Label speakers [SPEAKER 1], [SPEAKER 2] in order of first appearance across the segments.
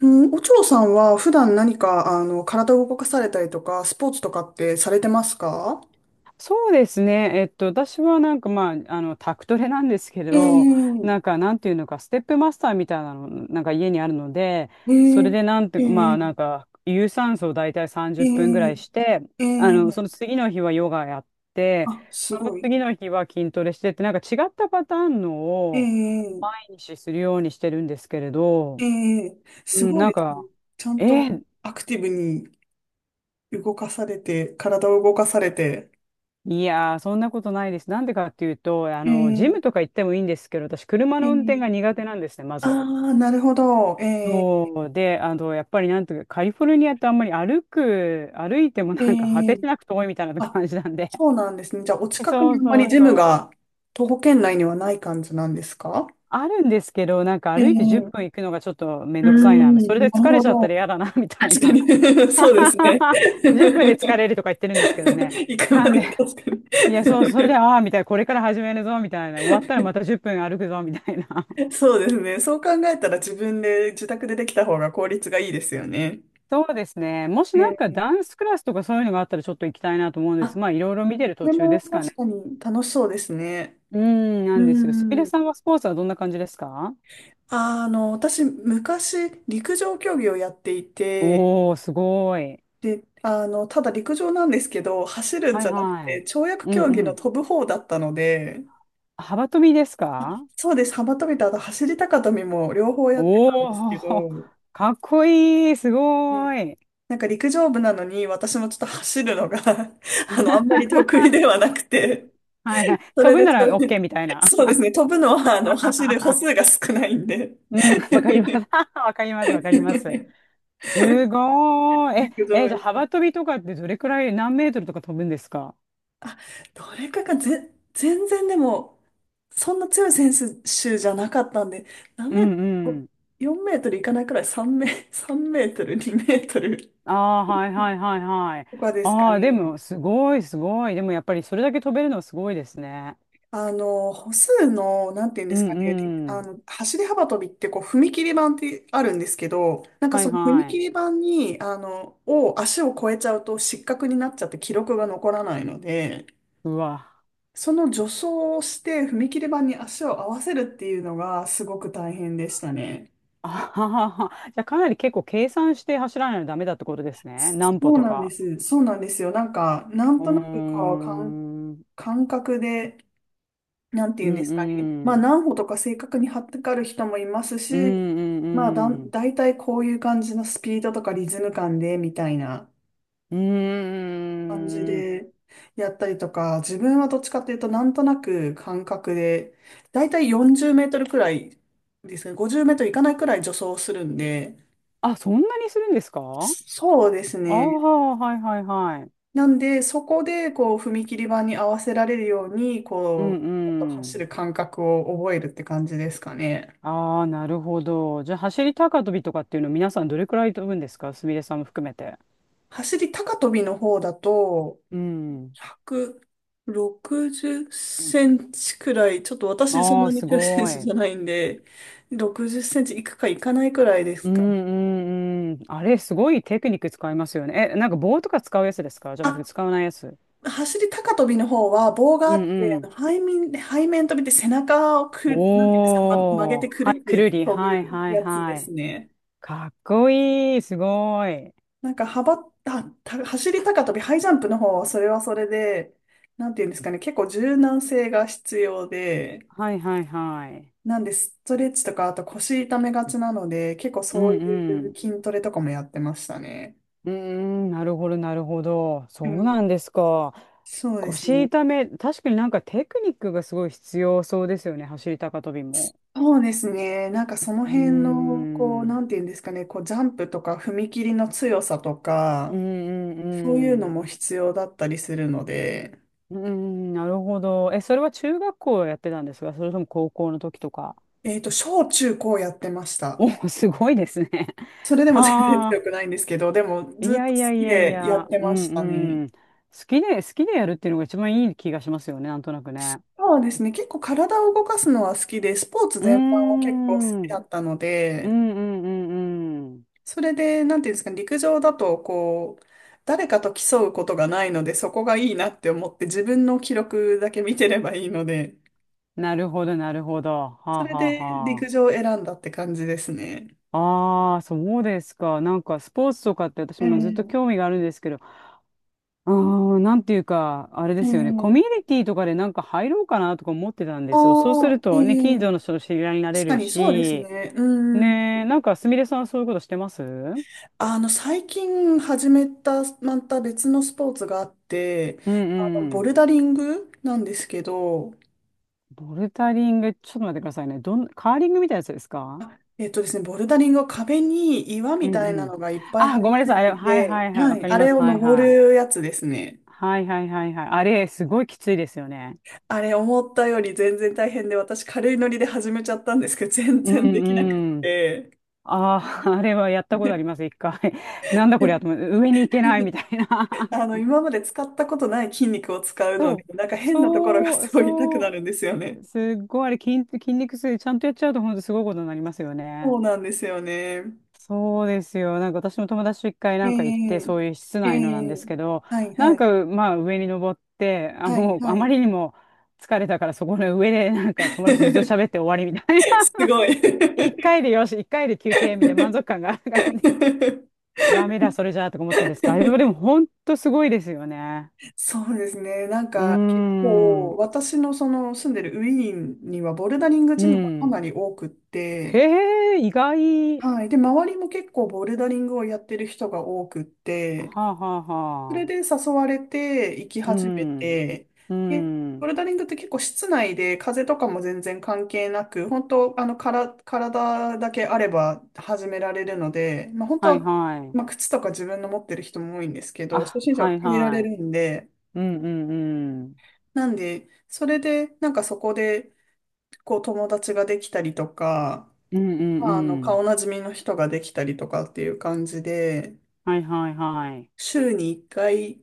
[SPEAKER 1] うん、お嬢さんは普段何か、体を動かされたりとか、スポーツとかってされてますか？
[SPEAKER 2] そうですね。私はなんかまあ、タクトレなんですけど、
[SPEAKER 1] ええ、
[SPEAKER 2] なんか、なんていうのか、ステップマスターみたいなの、なんか家にあるので、それ
[SPEAKER 1] え
[SPEAKER 2] でなんて、
[SPEAKER 1] え、
[SPEAKER 2] まあ、
[SPEAKER 1] ええ、
[SPEAKER 2] なんか、有酸素を大体30
[SPEAKER 1] え
[SPEAKER 2] 分ぐらいして、
[SPEAKER 1] え、
[SPEAKER 2] そ
[SPEAKER 1] え
[SPEAKER 2] の
[SPEAKER 1] え、
[SPEAKER 2] 次の日はヨガやって、
[SPEAKER 1] あ、
[SPEAKER 2] そ
[SPEAKER 1] す
[SPEAKER 2] の
[SPEAKER 1] ごい。
[SPEAKER 2] 次の日は筋トレしてって、なんか違ったパターンのを
[SPEAKER 1] ええ、
[SPEAKER 2] 毎日するようにしてるんですけれ
[SPEAKER 1] え
[SPEAKER 2] ど、
[SPEAKER 1] え、す
[SPEAKER 2] うん、
[SPEAKER 1] ごい
[SPEAKER 2] なん
[SPEAKER 1] ですね。
[SPEAKER 2] か、
[SPEAKER 1] ちゃん
[SPEAKER 2] え
[SPEAKER 1] と
[SPEAKER 2] ー
[SPEAKER 1] アクティブに動かされて、体を動かされて。
[SPEAKER 2] いやー、そんなことないです。なんでかっていうと、ジ
[SPEAKER 1] え
[SPEAKER 2] ムと
[SPEAKER 1] え、
[SPEAKER 2] か行ってもいいんですけど、私、車
[SPEAKER 1] ええ、
[SPEAKER 2] の運転が苦手なんですね、ま
[SPEAKER 1] あ
[SPEAKER 2] ず。
[SPEAKER 1] あー、なるほど。ええ、
[SPEAKER 2] そうで、やっぱりなんというか、カリフォルニアってあんまり歩いても
[SPEAKER 1] え
[SPEAKER 2] なんか果てし
[SPEAKER 1] え、
[SPEAKER 2] なく遠いみたいな
[SPEAKER 1] あ、
[SPEAKER 2] 感じなんで。
[SPEAKER 1] そうなんですね。じゃあ、お 近く
[SPEAKER 2] そ
[SPEAKER 1] に
[SPEAKER 2] う
[SPEAKER 1] あんま
[SPEAKER 2] そ
[SPEAKER 1] り
[SPEAKER 2] う
[SPEAKER 1] ジ
[SPEAKER 2] そ
[SPEAKER 1] ム
[SPEAKER 2] う。
[SPEAKER 1] が、徒歩圏内にはない感じなんですか？
[SPEAKER 2] あるんですけど、なんか
[SPEAKER 1] ええ、
[SPEAKER 2] 歩いて10
[SPEAKER 1] う
[SPEAKER 2] 分行くのがちょっとめん
[SPEAKER 1] ー
[SPEAKER 2] どくさい
[SPEAKER 1] ん、
[SPEAKER 2] な、それ
[SPEAKER 1] なる
[SPEAKER 2] で疲れ
[SPEAKER 1] ほ
[SPEAKER 2] ちゃったら
[SPEAKER 1] ど。
[SPEAKER 2] 嫌だな、みたい
[SPEAKER 1] 確か
[SPEAKER 2] な。
[SPEAKER 1] に そうですね。
[SPEAKER 2] 10分で疲れるとか言ってるんですけどね。
[SPEAKER 1] 行く
[SPEAKER 2] な
[SPEAKER 1] ま
[SPEAKER 2] んで、
[SPEAKER 1] でに確か
[SPEAKER 2] いや、そう、それで、
[SPEAKER 1] に
[SPEAKER 2] ああ、みたいな、これから始めるぞ、みたいな、終わったらまた10分歩くぞ、みたいな。
[SPEAKER 1] そうですね。そう考えたら自分で自宅でできた方が効率がいいですよね。
[SPEAKER 2] そうですね。もしな
[SPEAKER 1] え
[SPEAKER 2] んか
[SPEAKER 1] え、
[SPEAKER 2] ダンスクラスとかそういうのがあったらちょっと行きたいなと思うんです。
[SPEAKER 1] あ、
[SPEAKER 2] まあいろいろ見てる
[SPEAKER 1] こ
[SPEAKER 2] 途
[SPEAKER 1] れ
[SPEAKER 2] 中
[SPEAKER 1] も
[SPEAKER 2] ですか
[SPEAKER 1] 確
[SPEAKER 2] ね。
[SPEAKER 1] かに楽しそうですね。
[SPEAKER 2] うん、なんですよ。すみれ
[SPEAKER 1] うん。
[SPEAKER 2] さんはスポーツはどんな感じですか？
[SPEAKER 1] 私、昔、陸上競技をやっていて、
[SPEAKER 2] おー、すごい。
[SPEAKER 1] で、ただ陸上なんですけど、走るん
[SPEAKER 2] は
[SPEAKER 1] じ
[SPEAKER 2] い
[SPEAKER 1] ゃなく
[SPEAKER 2] は
[SPEAKER 1] て、
[SPEAKER 2] い。
[SPEAKER 1] 跳躍
[SPEAKER 2] うん
[SPEAKER 1] 競技
[SPEAKER 2] う
[SPEAKER 1] の
[SPEAKER 2] ん。
[SPEAKER 1] 飛ぶ方だったので、
[SPEAKER 2] 幅跳びです
[SPEAKER 1] あ、
[SPEAKER 2] か？
[SPEAKER 1] そうです。幅跳びとあと走り高跳びも両方やってたん
[SPEAKER 2] お
[SPEAKER 1] ですけ
[SPEAKER 2] ー、
[SPEAKER 1] ど、
[SPEAKER 2] かっこいい。すご
[SPEAKER 1] ね、
[SPEAKER 2] い。
[SPEAKER 1] なんか陸上部なのに私もちょっと走るのが あんまり得意ではなくて、
[SPEAKER 2] はいはい。
[SPEAKER 1] それ
[SPEAKER 2] 飛ぶ
[SPEAKER 1] で
[SPEAKER 2] な
[SPEAKER 1] ちょ
[SPEAKER 2] ら
[SPEAKER 1] う
[SPEAKER 2] OK みたいな。
[SPEAKER 1] そうですね、飛ぶのは走る歩数 が少ないんで
[SPEAKER 2] うん、わかります。わかります、わかります。すごーい。
[SPEAKER 1] 陸
[SPEAKER 2] え、
[SPEAKER 1] 上
[SPEAKER 2] え、
[SPEAKER 1] や
[SPEAKER 2] じゃあ
[SPEAKER 1] っ
[SPEAKER 2] 幅跳びとかってどれくらい何メートルとか飛ぶんですか？
[SPEAKER 1] あ、どれかがぜ、全然でも、そんな強い選手じゃなかったんで、何
[SPEAKER 2] う
[SPEAKER 1] メー
[SPEAKER 2] ん
[SPEAKER 1] ト
[SPEAKER 2] うん。
[SPEAKER 1] ル、4メートルいかないくらい、3メートル、2メートル
[SPEAKER 2] ああ、はいはいはいはい。
[SPEAKER 1] とかですか
[SPEAKER 2] あ
[SPEAKER 1] ね。
[SPEAKER 2] あ、でも、すごいすごい。でも、やっぱりそれだけ飛べるのはすごいですね。
[SPEAKER 1] 歩数の、なんていうん
[SPEAKER 2] う
[SPEAKER 1] ですかね、り
[SPEAKER 2] んう
[SPEAKER 1] あ
[SPEAKER 2] ん。
[SPEAKER 1] の、走り幅跳びってこう、踏切板ってあるんですけど、なんか
[SPEAKER 2] はい
[SPEAKER 1] その踏
[SPEAKER 2] はい。
[SPEAKER 1] 切板に、足を越えちゃうと失格になっちゃって記録が残らないので、
[SPEAKER 2] うわ。
[SPEAKER 1] その助走をして踏切板に足を合わせるっていうのがすごく大変でしたね。
[SPEAKER 2] あははは。じゃあ、かなり結構計算して走らないとダメだってことですね。何
[SPEAKER 1] そ
[SPEAKER 2] 歩
[SPEAKER 1] う
[SPEAKER 2] と
[SPEAKER 1] なんで
[SPEAKER 2] か。
[SPEAKER 1] す。そうなんですよ。なんか、なん
[SPEAKER 2] うー
[SPEAKER 1] となくか、感
[SPEAKER 2] ん。うん
[SPEAKER 1] 感覚で、なんて
[SPEAKER 2] う
[SPEAKER 1] いうんですかね。まあ、
[SPEAKER 2] ん。
[SPEAKER 1] 何歩とか正確に張ってかる人もいます
[SPEAKER 2] う
[SPEAKER 1] し、
[SPEAKER 2] ん
[SPEAKER 1] まあ、
[SPEAKER 2] うん
[SPEAKER 1] 大体こういう感じのスピードとかリズム感で、みたいな
[SPEAKER 2] う
[SPEAKER 1] 感じ
[SPEAKER 2] ん。うーん。
[SPEAKER 1] でやったりとか、自分はどっちかっていうと、なんとなく感覚で、大体40メートルくらいですね。50メートルいかないくらい助走するんで、
[SPEAKER 2] あ、そんなにするんですか？あ
[SPEAKER 1] そうです
[SPEAKER 2] あ
[SPEAKER 1] ね。
[SPEAKER 2] ー、はいはいはい。
[SPEAKER 1] なんで、そこで、こう、踏切板に合わせられるように、
[SPEAKER 2] う
[SPEAKER 1] こう、ちょっと
[SPEAKER 2] んう
[SPEAKER 1] 走
[SPEAKER 2] ん。
[SPEAKER 1] る感覚を覚えるって感じですかね。
[SPEAKER 2] ああ、なるほど。じゃあ、走り高跳びとかっていうの皆さんどれくらい飛ぶんですか？すみれさんも含めて。
[SPEAKER 1] 走り高跳びの方だと、
[SPEAKER 2] うん。
[SPEAKER 1] 160センチくらい、ちょっと私そん
[SPEAKER 2] ああ、
[SPEAKER 1] なに
[SPEAKER 2] す
[SPEAKER 1] 強い選
[SPEAKER 2] ご
[SPEAKER 1] 手じ
[SPEAKER 2] い。
[SPEAKER 1] ゃないんで、60センチいくかいかないくらいで
[SPEAKER 2] う
[SPEAKER 1] す
[SPEAKER 2] ん
[SPEAKER 1] かね。
[SPEAKER 2] うんうん。あれ、すごいテクニック使いますよね。え、なんか棒とか使うやつですか？じゃなくて
[SPEAKER 1] あ、
[SPEAKER 2] 使わないやつ。
[SPEAKER 1] 走り高跳びの方は棒があ
[SPEAKER 2] うん
[SPEAKER 1] って、
[SPEAKER 2] うん。
[SPEAKER 1] 背面跳びって背中をなんていうんですか、ま、曲げ
[SPEAKER 2] お
[SPEAKER 1] て
[SPEAKER 2] ー。
[SPEAKER 1] くる
[SPEAKER 2] は
[SPEAKER 1] っ
[SPEAKER 2] い、
[SPEAKER 1] て
[SPEAKER 2] く
[SPEAKER 1] やっ
[SPEAKER 2] る
[SPEAKER 1] て
[SPEAKER 2] り。
[SPEAKER 1] 飛
[SPEAKER 2] はい
[SPEAKER 1] ぶ
[SPEAKER 2] はい
[SPEAKER 1] やつで
[SPEAKER 2] は
[SPEAKER 1] す
[SPEAKER 2] い。
[SPEAKER 1] ね。
[SPEAKER 2] かっこいい。すごい。
[SPEAKER 1] なんか幅、あ、た、走り高跳び、ハイジャンプの方はそれはそれで、なんていうんですかね、結構柔軟性が必要で、
[SPEAKER 2] はいはいはい。
[SPEAKER 1] なんで、ストレッチとか、あと腰痛めがちなので、結構
[SPEAKER 2] う
[SPEAKER 1] そう
[SPEAKER 2] んう
[SPEAKER 1] いう
[SPEAKER 2] ん。
[SPEAKER 1] 筋トレとかもやってましたね。
[SPEAKER 2] うーん、なるほど、なるほど。そ
[SPEAKER 1] う
[SPEAKER 2] う
[SPEAKER 1] ん。
[SPEAKER 2] なんですか。
[SPEAKER 1] そうです
[SPEAKER 2] 腰
[SPEAKER 1] ね。
[SPEAKER 2] 痛め、確かになんかテクニックがすごい必要そうですよね、走り高跳びも。
[SPEAKER 1] そうですね。なんかその
[SPEAKER 2] うーん、
[SPEAKER 1] 辺の、こう、
[SPEAKER 2] う
[SPEAKER 1] な
[SPEAKER 2] ん
[SPEAKER 1] んていうんですかね、こう、ジャンプとか踏み切りの強さと
[SPEAKER 2] う
[SPEAKER 1] か、
[SPEAKER 2] ん
[SPEAKER 1] そうい
[SPEAKER 2] う
[SPEAKER 1] うの
[SPEAKER 2] ん。
[SPEAKER 1] も必要だったりするので、
[SPEAKER 2] うーん、なるほど。え、それは中学校やってたんですか？それとも高校の時とか。
[SPEAKER 1] 小中高やってました。
[SPEAKER 2] お、すごいですね。
[SPEAKER 1] それでも全然
[SPEAKER 2] は
[SPEAKER 1] 強くないんですけど、でも
[SPEAKER 2] あ、い
[SPEAKER 1] ずっと
[SPEAKER 2] や
[SPEAKER 1] 好
[SPEAKER 2] いやい
[SPEAKER 1] き
[SPEAKER 2] やい
[SPEAKER 1] でやっ
[SPEAKER 2] や、
[SPEAKER 1] て
[SPEAKER 2] う
[SPEAKER 1] ましたね。
[SPEAKER 2] んうん。好きで、好きでやるっていうのが一番いい気がしますよね、なんとなくね。
[SPEAKER 1] そうですね。結構体を動かすのは好きで、スポーツ
[SPEAKER 2] うー
[SPEAKER 1] 全般は結構好
[SPEAKER 2] ん、う
[SPEAKER 1] きだ
[SPEAKER 2] ん
[SPEAKER 1] ったの
[SPEAKER 2] うんう
[SPEAKER 1] で、
[SPEAKER 2] んうん。
[SPEAKER 1] それで、なんていうんですかね、陸上だと、こう、誰かと競うことがないので、そこがいいなって思って、自分の記録だけ見てればいいので、
[SPEAKER 2] なるほど、なるほど。は
[SPEAKER 1] そ
[SPEAKER 2] あ、
[SPEAKER 1] れ
[SPEAKER 2] はあ、
[SPEAKER 1] で陸
[SPEAKER 2] は
[SPEAKER 1] 上を選んだって感じですね。
[SPEAKER 2] あ。ああ、そうですか。なんか、スポーツとかって私もずっと興
[SPEAKER 1] ええ、
[SPEAKER 2] 味があるんですけど、うーん、なんていうか、あれで
[SPEAKER 1] え
[SPEAKER 2] すよね。コ
[SPEAKER 1] え、
[SPEAKER 2] ミュニティとかでなんか入ろうかなとか思ってたんですよ。そうす
[SPEAKER 1] ああ、
[SPEAKER 2] る
[SPEAKER 1] え
[SPEAKER 2] とね、近
[SPEAKER 1] え、
[SPEAKER 2] 所の人と知り合いになれ
[SPEAKER 1] 確か
[SPEAKER 2] る
[SPEAKER 1] にそうです
[SPEAKER 2] し、
[SPEAKER 1] ね。うん。
[SPEAKER 2] ねえ、なんか、すみれさんはそういうことしてます？うん
[SPEAKER 1] 最近始めた、また別のスポーツがあって、
[SPEAKER 2] う
[SPEAKER 1] ボ
[SPEAKER 2] ん。
[SPEAKER 1] ルダリングなんですけど、
[SPEAKER 2] ボルダリング、ちょっと待ってくださいね。どん、カーリングみたいなやつですか？
[SPEAKER 1] あえっとですね、ボルダリングは壁に岩
[SPEAKER 2] う
[SPEAKER 1] み
[SPEAKER 2] ん
[SPEAKER 1] たい
[SPEAKER 2] う
[SPEAKER 1] な
[SPEAKER 2] ん。
[SPEAKER 1] のがいっぱい張
[SPEAKER 2] あ、ご
[SPEAKER 1] り
[SPEAKER 2] めんな
[SPEAKER 1] 付
[SPEAKER 2] さ
[SPEAKER 1] い
[SPEAKER 2] い。あ
[SPEAKER 1] て
[SPEAKER 2] れはいは
[SPEAKER 1] て、
[SPEAKER 2] いはい。
[SPEAKER 1] は
[SPEAKER 2] わか
[SPEAKER 1] い、
[SPEAKER 2] り
[SPEAKER 1] あ
[SPEAKER 2] ま
[SPEAKER 1] れ
[SPEAKER 2] す。
[SPEAKER 1] を
[SPEAKER 2] はい
[SPEAKER 1] 登
[SPEAKER 2] はい。
[SPEAKER 1] るやつですね。
[SPEAKER 2] はいはいはいはい。あれ、すごいきついですよね。
[SPEAKER 1] あれ思ったより全然大変で、私軽いノリで始めちゃったんですけど、全
[SPEAKER 2] う
[SPEAKER 1] 然できなく
[SPEAKER 2] んうん。
[SPEAKER 1] て。
[SPEAKER 2] ああ、あれはやったことあります、一回。なんだこれやと思っ て、上に行けないみたいな。
[SPEAKER 1] 今まで使ったことない筋肉を使う の
[SPEAKER 2] そう、
[SPEAKER 1] で、なんか変なところが
[SPEAKER 2] そう、
[SPEAKER 1] すごい痛くな
[SPEAKER 2] そ
[SPEAKER 1] るんですよね。
[SPEAKER 2] う、すっごいあれ筋肉痛、ちゃんとやっちゃうと本当すごいことになりますよ
[SPEAKER 1] そ
[SPEAKER 2] ね。
[SPEAKER 1] うなんですよね。
[SPEAKER 2] そうですよ。なんか私も友達と一回
[SPEAKER 1] え
[SPEAKER 2] なんか行って、
[SPEAKER 1] え、
[SPEAKER 2] そういう室
[SPEAKER 1] え
[SPEAKER 2] 内のなんで
[SPEAKER 1] え、
[SPEAKER 2] すけど、
[SPEAKER 1] はい
[SPEAKER 2] な
[SPEAKER 1] は
[SPEAKER 2] ん
[SPEAKER 1] い、
[SPEAKER 2] かまあ上に登って、あ、
[SPEAKER 1] はい
[SPEAKER 2] もう
[SPEAKER 1] は
[SPEAKER 2] あま
[SPEAKER 1] い。
[SPEAKER 2] りにも疲れたからそこの上でなんか友達とずっと 喋って終わりみたい
[SPEAKER 1] すごい。
[SPEAKER 2] 一回でよし、一回で休憩みたいな満足感が ダメ だ、それじゃあとか思ったんですが、あれはでも 本当すごいですよね。
[SPEAKER 1] そうですね。なん
[SPEAKER 2] うー
[SPEAKER 1] か結構
[SPEAKER 2] ん。
[SPEAKER 1] 私のその住んでるウィーンにはボルダリング
[SPEAKER 2] う
[SPEAKER 1] ジムがか
[SPEAKER 2] ん。
[SPEAKER 1] なり多くっ
[SPEAKER 2] へ
[SPEAKER 1] て、
[SPEAKER 2] え、意外。は
[SPEAKER 1] はい。で、周りも結構ボルダリングをやってる人が多くっ
[SPEAKER 2] あ、
[SPEAKER 1] て、
[SPEAKER 2] はあは
[SPEAKER 1] それで
[SPEAKER 2] あ。
[SPEAKER 1] 誘われて行き
[SPEAKER 2] う
[SPEAKER 1] 始め
[SPEAKER 2] ん。
[SPEAKER 1] て、
[SPEAKER 2] う
[SPEAKER 1] で、ボ
[SPEAKER 2] ん。
[SPEAKER 1] ルダリングって結構室内で風とかも全然関係なく、本当あのから体だけあれば始められるので、まあ本当
[SPEAKER 2] はい
[SPEAKER 1] は、
[SPEAKER 2] はい。
[SPEAKER 1] まあ、靴とか自分の持ってる人も多いんですけど、初
[SPEAKER 2] あ、
[SPEAKER 1] 心者
[SPEAKER 2] は
[SPEAKER 1] は
[SPEAKER 2] い
[SPEAKER 1] 借りられ
[SPEAKER 2] はい。
[SPEAKER 1] るんで、
[SPEAKER 2] うんうんうん。
[SPEAKER 1] なんで、それで、なんかそこで、こう友達ができたりとか、
[SPEAKER 2] うんうん
[SPEAKER 1] まあ、
[SPEAKER 2] うん。
[SPEAKER 1] 顔なじみの人ができたりとかっていう感じで、
[SPEAKER 2] はいはいはい。
[SPEAKER 1] 週に1回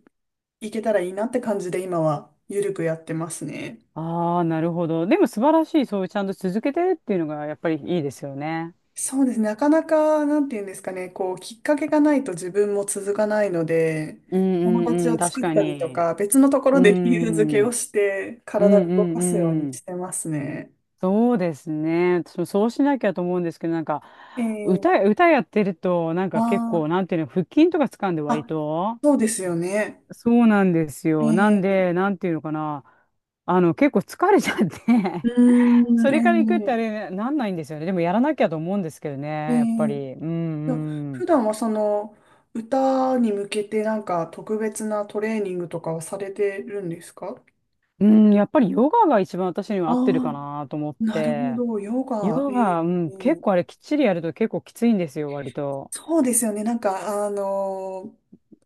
[SPEAKER 1] 行けたらいいなって感じで今はゆるくやってますね。
[SPEAKER 2] ああ、なるほど。でも素晴らしい、そういうちゃんと続けてるっていうのがやっぱりいいですよね。
[SPEAKER 1] そうですね。なかなか、なんていうんですかね、こう、きっかけがないと自分も続かないので、
[SPEAKER 2] うん
[SPEAKER 1] 友
[SPEAKER 2] う
[SPEAKER 1] 達
[SPEAKER 2] んうん、
[SPEAKER 1] を
[SPEAKER 2] 確
[SPEAKER 1] 作っ
[SPEAKER 2] か
[SPEAKER 1] たりと
[SPEAKER 2] に。
[SPEAKER 1] か、別のとこ
[SPEAKER 2] う
[SPEAKER 1] ろで理由付け
[SPEAKER 2] ん。う
[SPEAKER 1] を
[SPEAKER 2] ん
[SPEAKER 1] して、
[SPEAKER 2] う
[SPEAKER 1] 体を動
[SPEAKER 2] ん
[SPEAKER 1] かすように
[SPEAKER 2] うん。
[SPEAKER 1] してますね。
[SPEAKER 2] そうですね。私もそうしなきゃと思うんですけど、なんか、
[SPEAKER 1] えー、
[SPEAKER 2] 歌やってると、なん
[SPEAKER 1] あ
[SPEAKER 2] か結
[SPEAKER 1] ー、
[SPEAKER 2] 構、なんていうの、腹筋とか掴んで割
[SPEAKER 1] あ、
[SPEAKER 2] と。
[SPEAKER 1] そうですよね。
[SPEAKER 2] そうなんですよ。な
[SPEAKER 1] え
[SPEAKER 2] ん
[SPEAKER 1] ー
[SPEAKER 2] で、なんていうのかな。結構疲れちゃっ
[SPEAKER 1] う
[SPEAKER 2] て
[SPEAKER 1] ー
[SPEAKER 2] そ
[SPEAKER 1] ん、
[SPEAKER 2] れから行くってあれ、なんないんですよね。でもやらなきゃと思うんですけどね、
[SPEAKER 1] ー、え
[SPEAKER 2] やっぱ
[SPEAKER 1] ー
[SPEAKER 2] り。うん
[SPEAKER 1] と、
[SPEAKER 2] う
[SPEAKER 1] 普
[SPEAKER 2] ん。
[SPEAKER 1] 段はその歌に向けてなんか特別なトレーニングとかはされてるんですか？
[SPEAKER 2] うん、やっぱりヨガが一番私には
[SPEAKER 1] あ
[SPEAKER 2] 合ってるか
[SPEAKER 1] あ、
[SPEAKER 2] なと思っ
[SPEAKER 1] なるほ
[SPEAKER 2] て。
[SPEAKER 1] ど、ヨガ、
[SPEAKER 2] ヨガ、うん、結
[SPEAKER 1] うん、
[SPEAKER 2] 構あれきっちりやると結構きついんですよ、割と。
[SPEAKER 1] そうですよね、なんか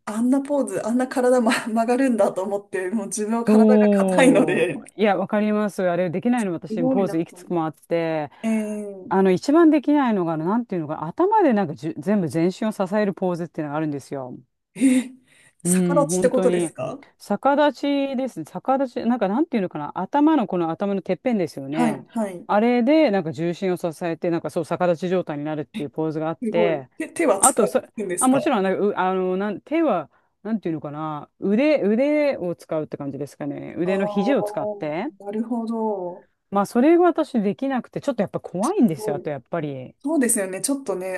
[SPEAKER 1] あんなポーズ、あんな体、ま、曲がるんだと思って、もう自分は体が硬いの
[SPEAKER 2] そ
[SPEAKER 1] で、
[SPEAKER 2] う。いや、わかります。あれできないの
[SPEAKER 1] す
[SPEAKER 2] 私、
[SPEAKER 1] ごい
[SPEAKER 2] ポー
[SPEAKER 1] な
[SPEAKER 2] ズ
[SPEAKER 1] と
[SPEAKER 2] いく
[SPEAKER 1] 思っ
[SPEAKER 2] つ
[SPEAKER 1] て。
[SPEAKER 2] もあって、
[SPEAKER 1] えー、
[SPEAKER 2] 一番できないのが、なんていうのかな、頭でなんか全部全身を支えるポーズっていうのがあるんですよ。
[SPEAKER 1] えー、
[SPEAKER 2] う
[SPEAKER 1] 逆
[SPEAKER 2] ん、
[SPEAKER 1] 立ちって
[SPEAKER 2] 本
[SPEAKER 1] こ
[SPEAKER 2] 当
[SPEAKER 1] とで
[SPEAKER 2] に。
[SPEAKER 1] すか？
[SPEAKER 2] 逆立ちですね。逆立ち、なんかなんていうのかな。この頭のてっぺんですよ
[SPEAKER 1] はい、
[SPEAKER 2] ね。
[SPEAKER 1] はい、
[SPEAKER 2] あれで、なんか重心を支えて、なんかそう逆立ち状態になるっていうポーズがあっ
[SPEAKER 1] すごい。
[SPEAKER 2] て、
[SPEAKER 1] 手は
[SPEAKER 2] あ
[SPEAKER 1] 使
[SPEAKER 2] とそ、
[SPEAKER 1] うんです
[SPEAKER 2] あ、
[SPEAKER 1] か？
[SPEAKER 2] もちろん、なんか、手は、なんていうのかな。腕を使うって感じですかね。
[SPEAKER 1] あ
[SPEAKER 2] 腕の肘を使
[SPEAKER 1] あ、
[SPEAKER 2] って。
[SPEAKER 1] なるほど。
[SPEAKER 2] まあ、それが私できなくて、ちょっとやっぱ
[SPEAKER 1] す
[SPEAKER 2] 怖いんです
[SPEAKER 1] ご
[SPEAKER 2] よ。あ
[SPEAKER 1] い。
[SPEAKER 2] と、やっぱり。
[SPEAKER 1] そうですよね。ちょっとね、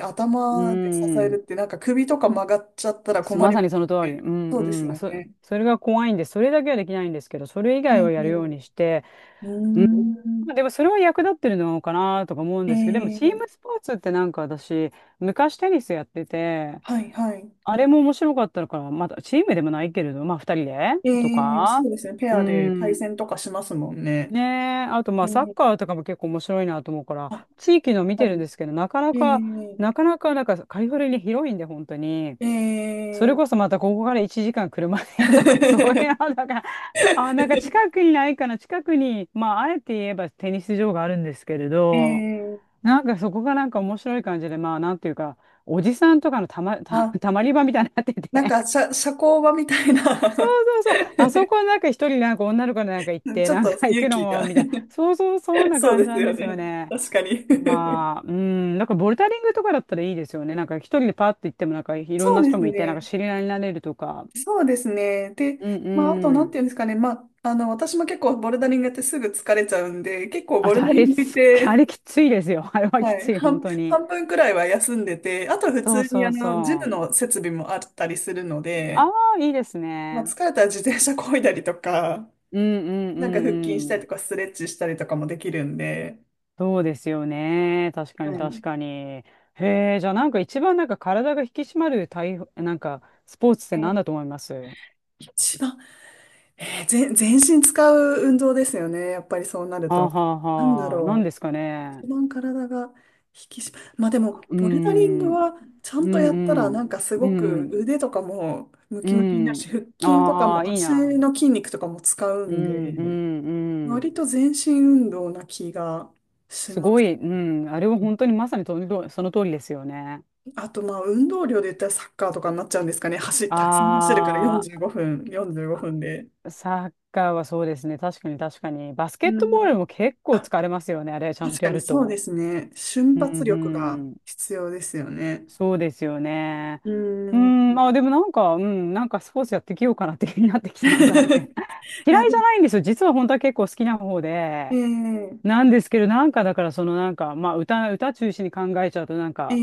[SPEAKER 2] う
[SPEAKER 1] 頭で支え
[SPEAKER 2] ん。
[SPEAKER 1] るって、なんか首とか曲がっちゃったら
[SPEAKER 2] す
[SPEAKER 1] 困
[SPEAKER 2] ま
[SPEAKER 1] り
[SPEAKER 2] さ
[SPEAKER 1] ま
[SPEAKER 2] にその通
[SPEAKER 1] す
[SPEAKER 2] り。
[SPEAKER 1] ね。
[SPEAKER 2] うん
[SPEAKER 1] そうです
[SPEAKER 2] うん。
[SPEAKER 1] よね。
[SPEAKER 2] それが怖いんで、それだけはできないんですけど、それ以
[SPEAKER 1] え
[SPEAKER 2] 外はやるよう
[SPEAKER 1] え、
[SPEAKER 2] にして、
[SPEAKER 1] うーん。
[SPEAKER 2] まあでもそれは役立ってるのかなとか思うん
[SPEAKER 1] え
[SPEAKER 2] ですけど、でもチー
[SPEAKER 1] え、
[SPEAKER 2] ムスポーツってなんか私、昔テニスやってて、
[SPEAKER 1] はいはい。
[SPEAKER 2] あれも面白かったのから、またチームでもないけれど、まあ二人で
[SPEAKER 1] え
[SPEAKER 2] と
[SPEAKER 1] え、そ
[SPEAKER 2] か、
[SPEAKER 1] うですね。ペ
[SPEAKER 2] う
[SPEAKER 1] アで対
[SPEAKER 2] ん。
[SPEAKER 1] 戦とかしますもんね。
[SPEAKER 2] ねえ、あとまあ
[SPEAKER 1] え
[SPEAKER 2] サッ
[SPEAKER 1] え、
[SPEAKER 2] カーとかも結構面白いなと思うか
[SPEAKER 1] あ、やっ
[SPEAKER 2] ら、地域の見
[SPEAKER 1] ぱ
[SPEAKER 2] てるん
[SPEAKER 1] り。
[SPEAKER 2] ですけど、なかなか、
[SPEAKER 1] え
[SPEAKER 2] なんかカリフォルニア広いんで、本当に。
[SPEAKER 1] え、
[SPEAKER 2] それ
[SPEAKER 1] ええ。
[SPEAKER 2] こそまたここから1時間車で とか、そういうの だから、なんか近くにないかな、近くに、まあ、あえて言えばテニス場があるんですけれ
[SPEAKER 1] え
[SPEAKER 2] ど、
[SPEAKER 1] え、
[SPEAKER 2] なんかそこがなんか面白い感じで、まあ、なんていうか、おじさんとかのたま、た、
[SPEAKER 1] あ、
[SPEAKER 2] たまり場みたいになって
[SPEAKER 1] なん
[SPEAKER 2] て、
[SPEAKER 1] か、社交場みたいな
[SPEAKER 2] そうそう、あそこなんか一人なんか女の子なんか行って、
[SPEAKER 1] ちょっ
[SPEAKER 2] な
[SPEAKER 1] と
[SPEAKER 2] んか行
[SPEAKER 1] 勇
[SPEAKER 2] くの
[SPEAKER 1] 気
[SPEAKER 2] も、
[SPEAKER 1] が
[SPEAKER 2] みたいな、そうそう、そん な
[SPEAKER 1] そう
[SPEAKER 2] 感
[SPEAKER 1] で
[SPEAKER 2] じ
[SPEAKER 1] す
[SPEAKER 2] なん
[SPEAKER 1] よ
[SPEAKER 2] ですよ
[SPEAKER 1] ね。
[SPEAKER 2] ね。
[SPEAKER 1] 確かに。
[SPEAKER 2] まあ、うん、なんかボルダリングとかだったらいいですよね。なんか一人でパッと行っても、なんかいろん
[SPEAKER 1] そ
[SPEAKER 2] な
[SPEAKER 1] うで
[SPEAKER 2] 人
[SPEAKER 1] す
[SPEAKER 2] もいて、なん
[SPEAKER 1] ね。
[SPEAKER 2] か知り合いになれるとか。
[SPEAKER 1] そうですね。で、
[SPEAKER 2] う
[SPEAKER 1] まあ、あと、なん
[SPEAKER 2] ん。
[SPEAKER 1] ていうんですかね。まあ、私も結構ボルダリングやってすぐ疲れちゃうんで、結構
[SPEAKER 2] あ
[SPEAKER 1] ボ
[SPEAKER 2] と、
[SPEAKER 1] ル
[SPEAKER 2] あ
[SPEAKER 1] ダリ
[SPEAKER 2] れ
[SPEAKER 1] ングっ
[SPEAKER 2] す、あ
[SPEAKER 1] て、
[SPEAKER 2] れきついですよ。あれは
[SPEAKER 1] は
[SPEAKER 2] き
[SPEAKER 1] い、
[SPEAKER 2] つい、本当に。
[SPEAKER 1] 半分くらいは休んでて、あと普
[SPEAKER 2] そう
[SPEAKER 1] 通に
[SPEAKER 2] そう
[SPEAKER 1] ジム
[SPEAKER 2] そう。
[SPEAKER 1] の設備もあったりするの
[SPEAKER 2] あ
[SPEAKER 1] で、
[SPEAKER 2] あ、いいです
[SPEAKER 1] まあ、
[SPEAKER 2] ね。
[SPEAKER 1] 疲れたら自転車漕いだりとか、
[SPEAKER 2] うんうんう
[SPEAKER 1] なんか腹筋した
[SPEAKER 2] んう
[SPEAKER 1] り
[SPEAKER 2] ん。
[SPEAKER 1] とか、ストレッチしたりとかもできるんで、
[SPEAKER 2] そうですよね。確か
[SPEAKER 1] は
[SPEAKER 2] に
[SPEAKER 1] い。
[SPEAKER 2] 確かに。へえ、じゃあなんか一番なんか体が引き締まる体、なんかスポーツっ
[SPEAKER 1] え
[SPEAKER 2] て何
[SPEAKER 1] ー
[SPEAKER 2] だと思いますは
[SPEAKER 1] 一番全身使う運動ですよね。やっぱりそうなる
[SPEAKER 2] あ
[SPEAKER 1] と。
[SPEAKER 2] はあ
[SPEAKER 1] なんだ
[SPEAKER 2] はあ。何
[SPEAKER 1] ろ
[SPEAKER 2] で
[SPEAKER 1] う。
[SPEAKER 2] すかね。
[SPEAKER 1] 一番体が引き締ま、まあでも、
[SPEAKER 2] うー
[SPEAKER 1] ボルダリング
[SPEAKER 2] ん。うん
[SPEAKER 1] はちゃ
[SPEAKER 2] う
[SPEAKER 1] んとやったら、な
[SPEAKER 2] ん。
[SPEAKER 1] んかす
[SPEAKER 2] う
[SPEAKER 1] ごく
[SPEAKER 2] ん
[SPEAKER 1] 腕とかもム
[SPEAKER 2] う
[SPEAKER 1] キムキにな
[SPEAKER 2] ん。
[SPEAKER 1] る
[SPEAKER 2] う
[SPEAKER 1] し、
[SPEAKER 2] ん。
[SPEAKER 1] 腹筋とか
[SPEAKER 2] ああ、
[SPEAKER 1] も
[SPEAKER 2] いい
[SPEAKER 1] 足
[SPEAKER 2] な。
[SPEAKER 1] の筋肉とかも使う
[SPEAKER 2] う
[SPEAKER 1] ん
[SPEAKER 2] んう
[SPEAKER 1] で、
[SPEAKER 2] んうん。
[SPEAKER 1] 割と全身運動な気がし
[SPEAKER 2] す
[SPEAKER 1] ま
[SPEAKER 2] ご
[SPEAKER 1] す。
[SPEAKER 2] い、うん、あれは本当にまさにとりその通りですよね。
[SPEAKER 1] あと、まあ運動量で言ったらサッカーとかになっちゃうんですかね。たくさん走るから
[SPEAKER 2] あ
[SPEAKER 1] 45分、45分で。
[SPEAKER 2] ー、サッカーはそうですね。確かに確かに。バスケッ
[SPEAKER 1] う
[SPEAKER 2] トボール
[SPEAKER 1] ん。
[SPEAKER 2] も結構疲れますよね。あれ、ちゃん
[SPEAKER 1] 確
[SPEAKER 2] と
[SPEAKER 1] か
[SPEAKER 2] や
[SPEAKER 1] に
[SPEAKER 2] る
[SPEAKER 1] そうで
[SPEAKER 2] と。
[SPEAKER 1] すね。瞬
[SPEAKER 2] うん、う
[SPEAKER 1] 発力が
[SPEAKER 2] ん。
[SPEAKER 1] 必要ですよね。
[SPEAKER 2] そうですよね。
[SPEAKER 1] う
[SPEAKER 2] う
[SPEAKER 1] ー
[SPEAKER 2] ん、
[SPEAKER 1] ん。
[SPEAKER 2] まあでもなんか、うん、なんかスポーツやってきようかなって気になってき た、なんとなく。
[SPEAKER 1] い
[SPEAKER 2] 嫌
[SPEAKER 1] や、
[SPEAKER 2] い
[SPEAKER 1] で
[SPEAKER 2] じゃ
[SPEAKER 1] も、
[SPEAKER 2] ないんですよ。実は本当は結構好きな方で。
[SPEAKER 1] ええ、
[SPEAKER 2] なんですけど、なんかだから、そのなんか、まあ歌中心に考えちゃうと、なんか、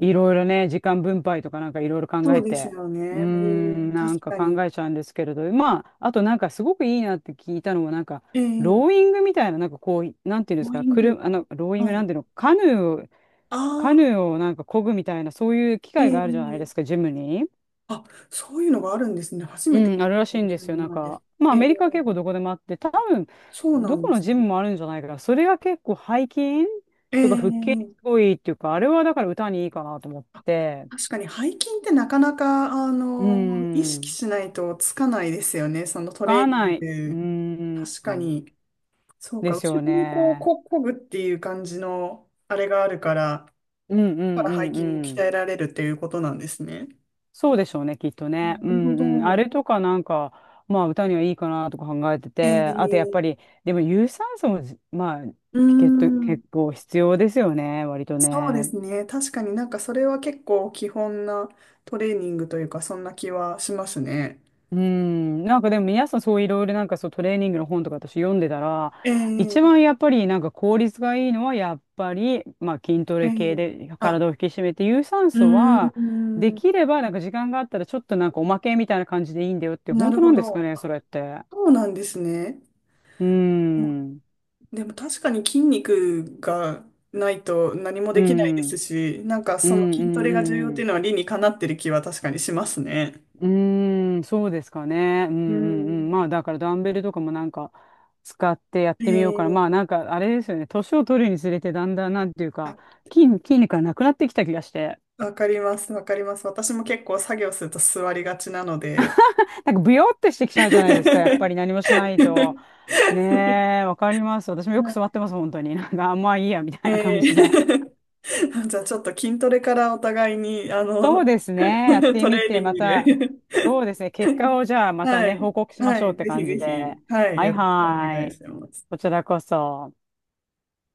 [SPEAKER 2] い
[SPEAKER 1] え、
[SPEAKER 2] ろいろね、時間分配とかなんかいろいろ考
[SPEAKER 1] そ
[SPEAKER 2] え
[SPEAKER 1] うです
[SPEAKER 2] て、
[SPEAKER 1] よね。
[SPEAKER 2] うー
[SPEAKER 1] うー
[SPEAKER 2] ん、
[SPEAKER 1] ん、
[SPEAKER 2] なん
[SPEAKER 1] 確
[SPEAKER 2] か
[SPEAKER 1] かに。
[SPEAKER 2] 考えちゃうんですけれど、まあ、あとなんかすごくいいなって聞いたのは、なんか、
[SPEAKER 1] え
[SPEAKER 2] ローイ
[SPEAKER 1] え、
[SPEAKER 2] ングみたいな、なんかこう、なんていうんです
[SPEAKER 1] ボー
[SPEAKER 2] か、
[SPEAKER 1] イン
[SPEAKER 2] く
[SPEAKER 1] グ。
[SPEAKER 2] あの、ローイン
[SPEAKER 1] は
[SPEAKER 2] グな
[SPEAKER 1] い。
[SPEAKER 2] んていうの、
[SPEAKER 1] あ
[SPEAKER 2] カヌ
[SPEAKER 1] あ、
[SPEAKER 2] ーをなんか漕ぐみたいな、そういう機械があるじゃないで
[SPEAKER 1] え
[SPEAKER 2] すか、
[SPEAKER 1] え、
[SPEAKER 2] ジムに。
[SPEAKER 1] あ、そういうのがあるんですね。初めて聞
[SPEAKER 2] うん、
[SPEAKER 1] い
[SPEAKER 2] あるら
[SPEAKER 1] た
[SPEAKER 2] しい
[SPEAKER 1] か
[SPEAKER 2] ん
[SPEAKER 1] も
[SPEAKER 2] で
[SPEAKER 1] しれ
[SPEAKER 2] すよ。なん
[SPEAKER 1] ないで
[SPEAKER 2] か、
[SPEAKER 1] す。
[SPEAKER 2] まあ、ア
[SPEAKER 1] え
[SPEAKER 2] メリ
[SPEAKER 1] え、
[SPEAKER 2] カは結構どこでもあって、多分、
[SPEAKER 1] そうな
[SPEAKER 2] ど
[SPEAKER 1] ん
[SPEAKER 2] こ
[SPEAKER 1] で
[SPEAKER 2] の
[SPEAKER 1] す
[SPEAKER 2] ジム
[SPEAKER 1] ね。
[SPEAKER 2] もあるんじゃないかな。それが結構背筋とか腹筋にす
[SPEAKER 1] ええ、
[SPEAKER 2] ごいっていうか、あれはだから歌にいいかなと思っ
[SPEAKER 1] あ、
[SPEAKER 2] て。
[SPEAKER 1] 確かに背筋ってなかなか、
[SPEAKER 2] う
[SPEAKER 1] 意識
[SPEAKER 2] ん。
[SPEAKER 1] しないとつかないですよね。そのトレー
[SPEAKER 2] が
[SPEAKER 1] ニ
[SPEAKER 2] ない。う
[SPEAKER 1] ン
[SPEAKER 2] ー
[SPEAKER 1] グ。
[SPEAKER 2] ん。
[SPEAKER 1] 確かに。そう
[SPEAKER 2] で
[SPEAKER 1] か、
[SPEAKER 2] す
[SPEAKER 1] 後
[SPEAKER 2] よ
[SPEAKER 1] ろにこう、
[SPEAKER 2] ね。
[SPEAKER 1] こぐっていう感じの、あれがあるから、
[SPEAKER 2] うんう
[SPEAKER 1] だ
[SPEAKER 2] ん
[SPEAKER 1] か
[SPEAKER 2] う
[SPEAKER 1] ら背
[SPEAKER 2] ん
[SPEAKER 1] 筋も
[SPEAKER 2] う
[SPEAKER 1] 鍛
[SPEAKER 2] ん。
[SPEAKER 1] えられるっていうことなんですね。
[SPEAKER 2] そうでしょうね、きっとね。
[SPEAKER 1] な
[SPEAKER 2] う
[SPEAKER 1] るほ
[SPEAKER 2] んうん。あ
[SPEAKER 1] ど。
[SPEAKER 2] れとかなんか、まあ歌にはいいかなとか考えて
[SPEAKER 1] え
[SPEAKER 2] て、あとやっ
[SPEAKER 1] ー、
[SPEAKER 2] ぱり、でも有酸素もまあ、
[SPEAKER 1] うーん、
[SPEAKER 2] 結構必要ですよね、割と
[SPEAKER 1] そうで
[SPEAKER 2] ね。
[SPEAKER 1] すね。確かになんかそれは結構基本なトレーニングというか、そんな気はしますね。
[SPEAKER 2] うん、なんかでも皆さんそういろいろなんかそうトレーニングの本とか私読んでたら、
[SPEAKER 1] えー、
[SPEAKER 2] 一番やっぱりなんか効率がいいのはやっぱり、まあ筋ト
[SPEAKER 1] え
[SPEAKER 2] レ系
[SPEAKER 1] ー、
[SPEAKER 2] で
[SPEAKER 1] あ、
[SPEAKER 2] 体を引き締めて、有酸
[SPEAKER 1] う
[SPEAKER 2] 素はで
[SPEAKER 1] ーん、
[SPEAKER 2] きればなんか時間があったらちょっとなんかおまけみたいな感じでいいんだよって、
[SPEAKER 1] な
[SPEAKER 2] 本
[SPEAKER 1] る
[SPEAKER 2] 当
[SPEAKER 1] ほ
[SPEAKER 2] なんですか
[SPEAKER 1] ど。
[SPEAKER 2] ね、それって。
[SPEAKER 1] そうなんですね。
[SPEAKER 2] うん、うん、
[SPEAKER 1] でも確かに筋肉がないと何も
[SPEAKER 2] う
[SPEAKER 1] できないです
[SPEAKER 2] ん、
[SPEAKER 1] し、なんか
[SPEAKER 2] うん、
[SPEAKER 1] その筋トレが重要っ
[SPEAKER 2] う
[SPEAKER 1] てい
[SPEAKER 2] ん。
[SPEAKER 1] うのは理にかなってる気は確かにしますね。
[SPEAKER 2] うーん、そうですかね。うん
[SPEAKER 1] う
[SPEAKER 2] うんうん。まあ、
[SPEAKER 1] ん。
[SPEAKER 2] だからダンベルとかもなんか使ってやってみようから、まあ
[SPEAKER 1] ええ、
[SPEAKER 2] なんかあれですよね。年を取るにつれてだんだんなんていう
[SPEAKER 1] あ、
[SPEAKER 2] か、筋肉がなくなってきた気がして。
[SPEAKER 1] わかります、わかります。私も結構作業すると座りがちなので。
[SPEAKER 2] なんかブヨってしてきちゃうじゃないですか。やっぱり何 もしないと。ねえ、わかります。私もよく座ってます、本当に。なんか、あまあいいや、みたいな
[SPEAKER 1] え
[SPEAKER 2] 感
[SPEAKER 1] え
[SPEAKER 2] じで。
[SPEAKER 1] じゃあちょっと筋トレからお互いに、
[SPEAKER 2] そうです ね。やって
[SPEAKER 1] ト
[SPEAKER 2] み
[SPEAKER 1] レーニ
[SPEAKER 2] て、
[SPEAKER 1] ン
[SPEAKER 2] ま
[SPEAKER 1] グで
[SPEAKER 2] た、そうですね。結果をじゃあ また
[SPEAKER 1] は
[SPEAKER 2] ね、
[SPEAKER 1] い、
[SPEAKER 2] 報告しま
[SPEAKER 1] は
[SPEAKER 2] しょうっ
[SPEAKER 1] い、
[SPEAKER 2] て
[SPEAKER 1] ぜひ
[SPEAKER 2] 感
[SPEAKER 1] ぜ
[SPEAKER 2] じ
[SPEAKER 1] ひ、
[SPEAKER 2] で。
[SPEAKER 1] はい、
[SPEAKER 2] はい
[SPEAKER 1] よろしくお
[SPEAKER 2] は
[SPEAKER 1] 願い
[SPEAKER 2] い。
[SPEAKER 1] します。
[SPEAKER 2] こちらこそ。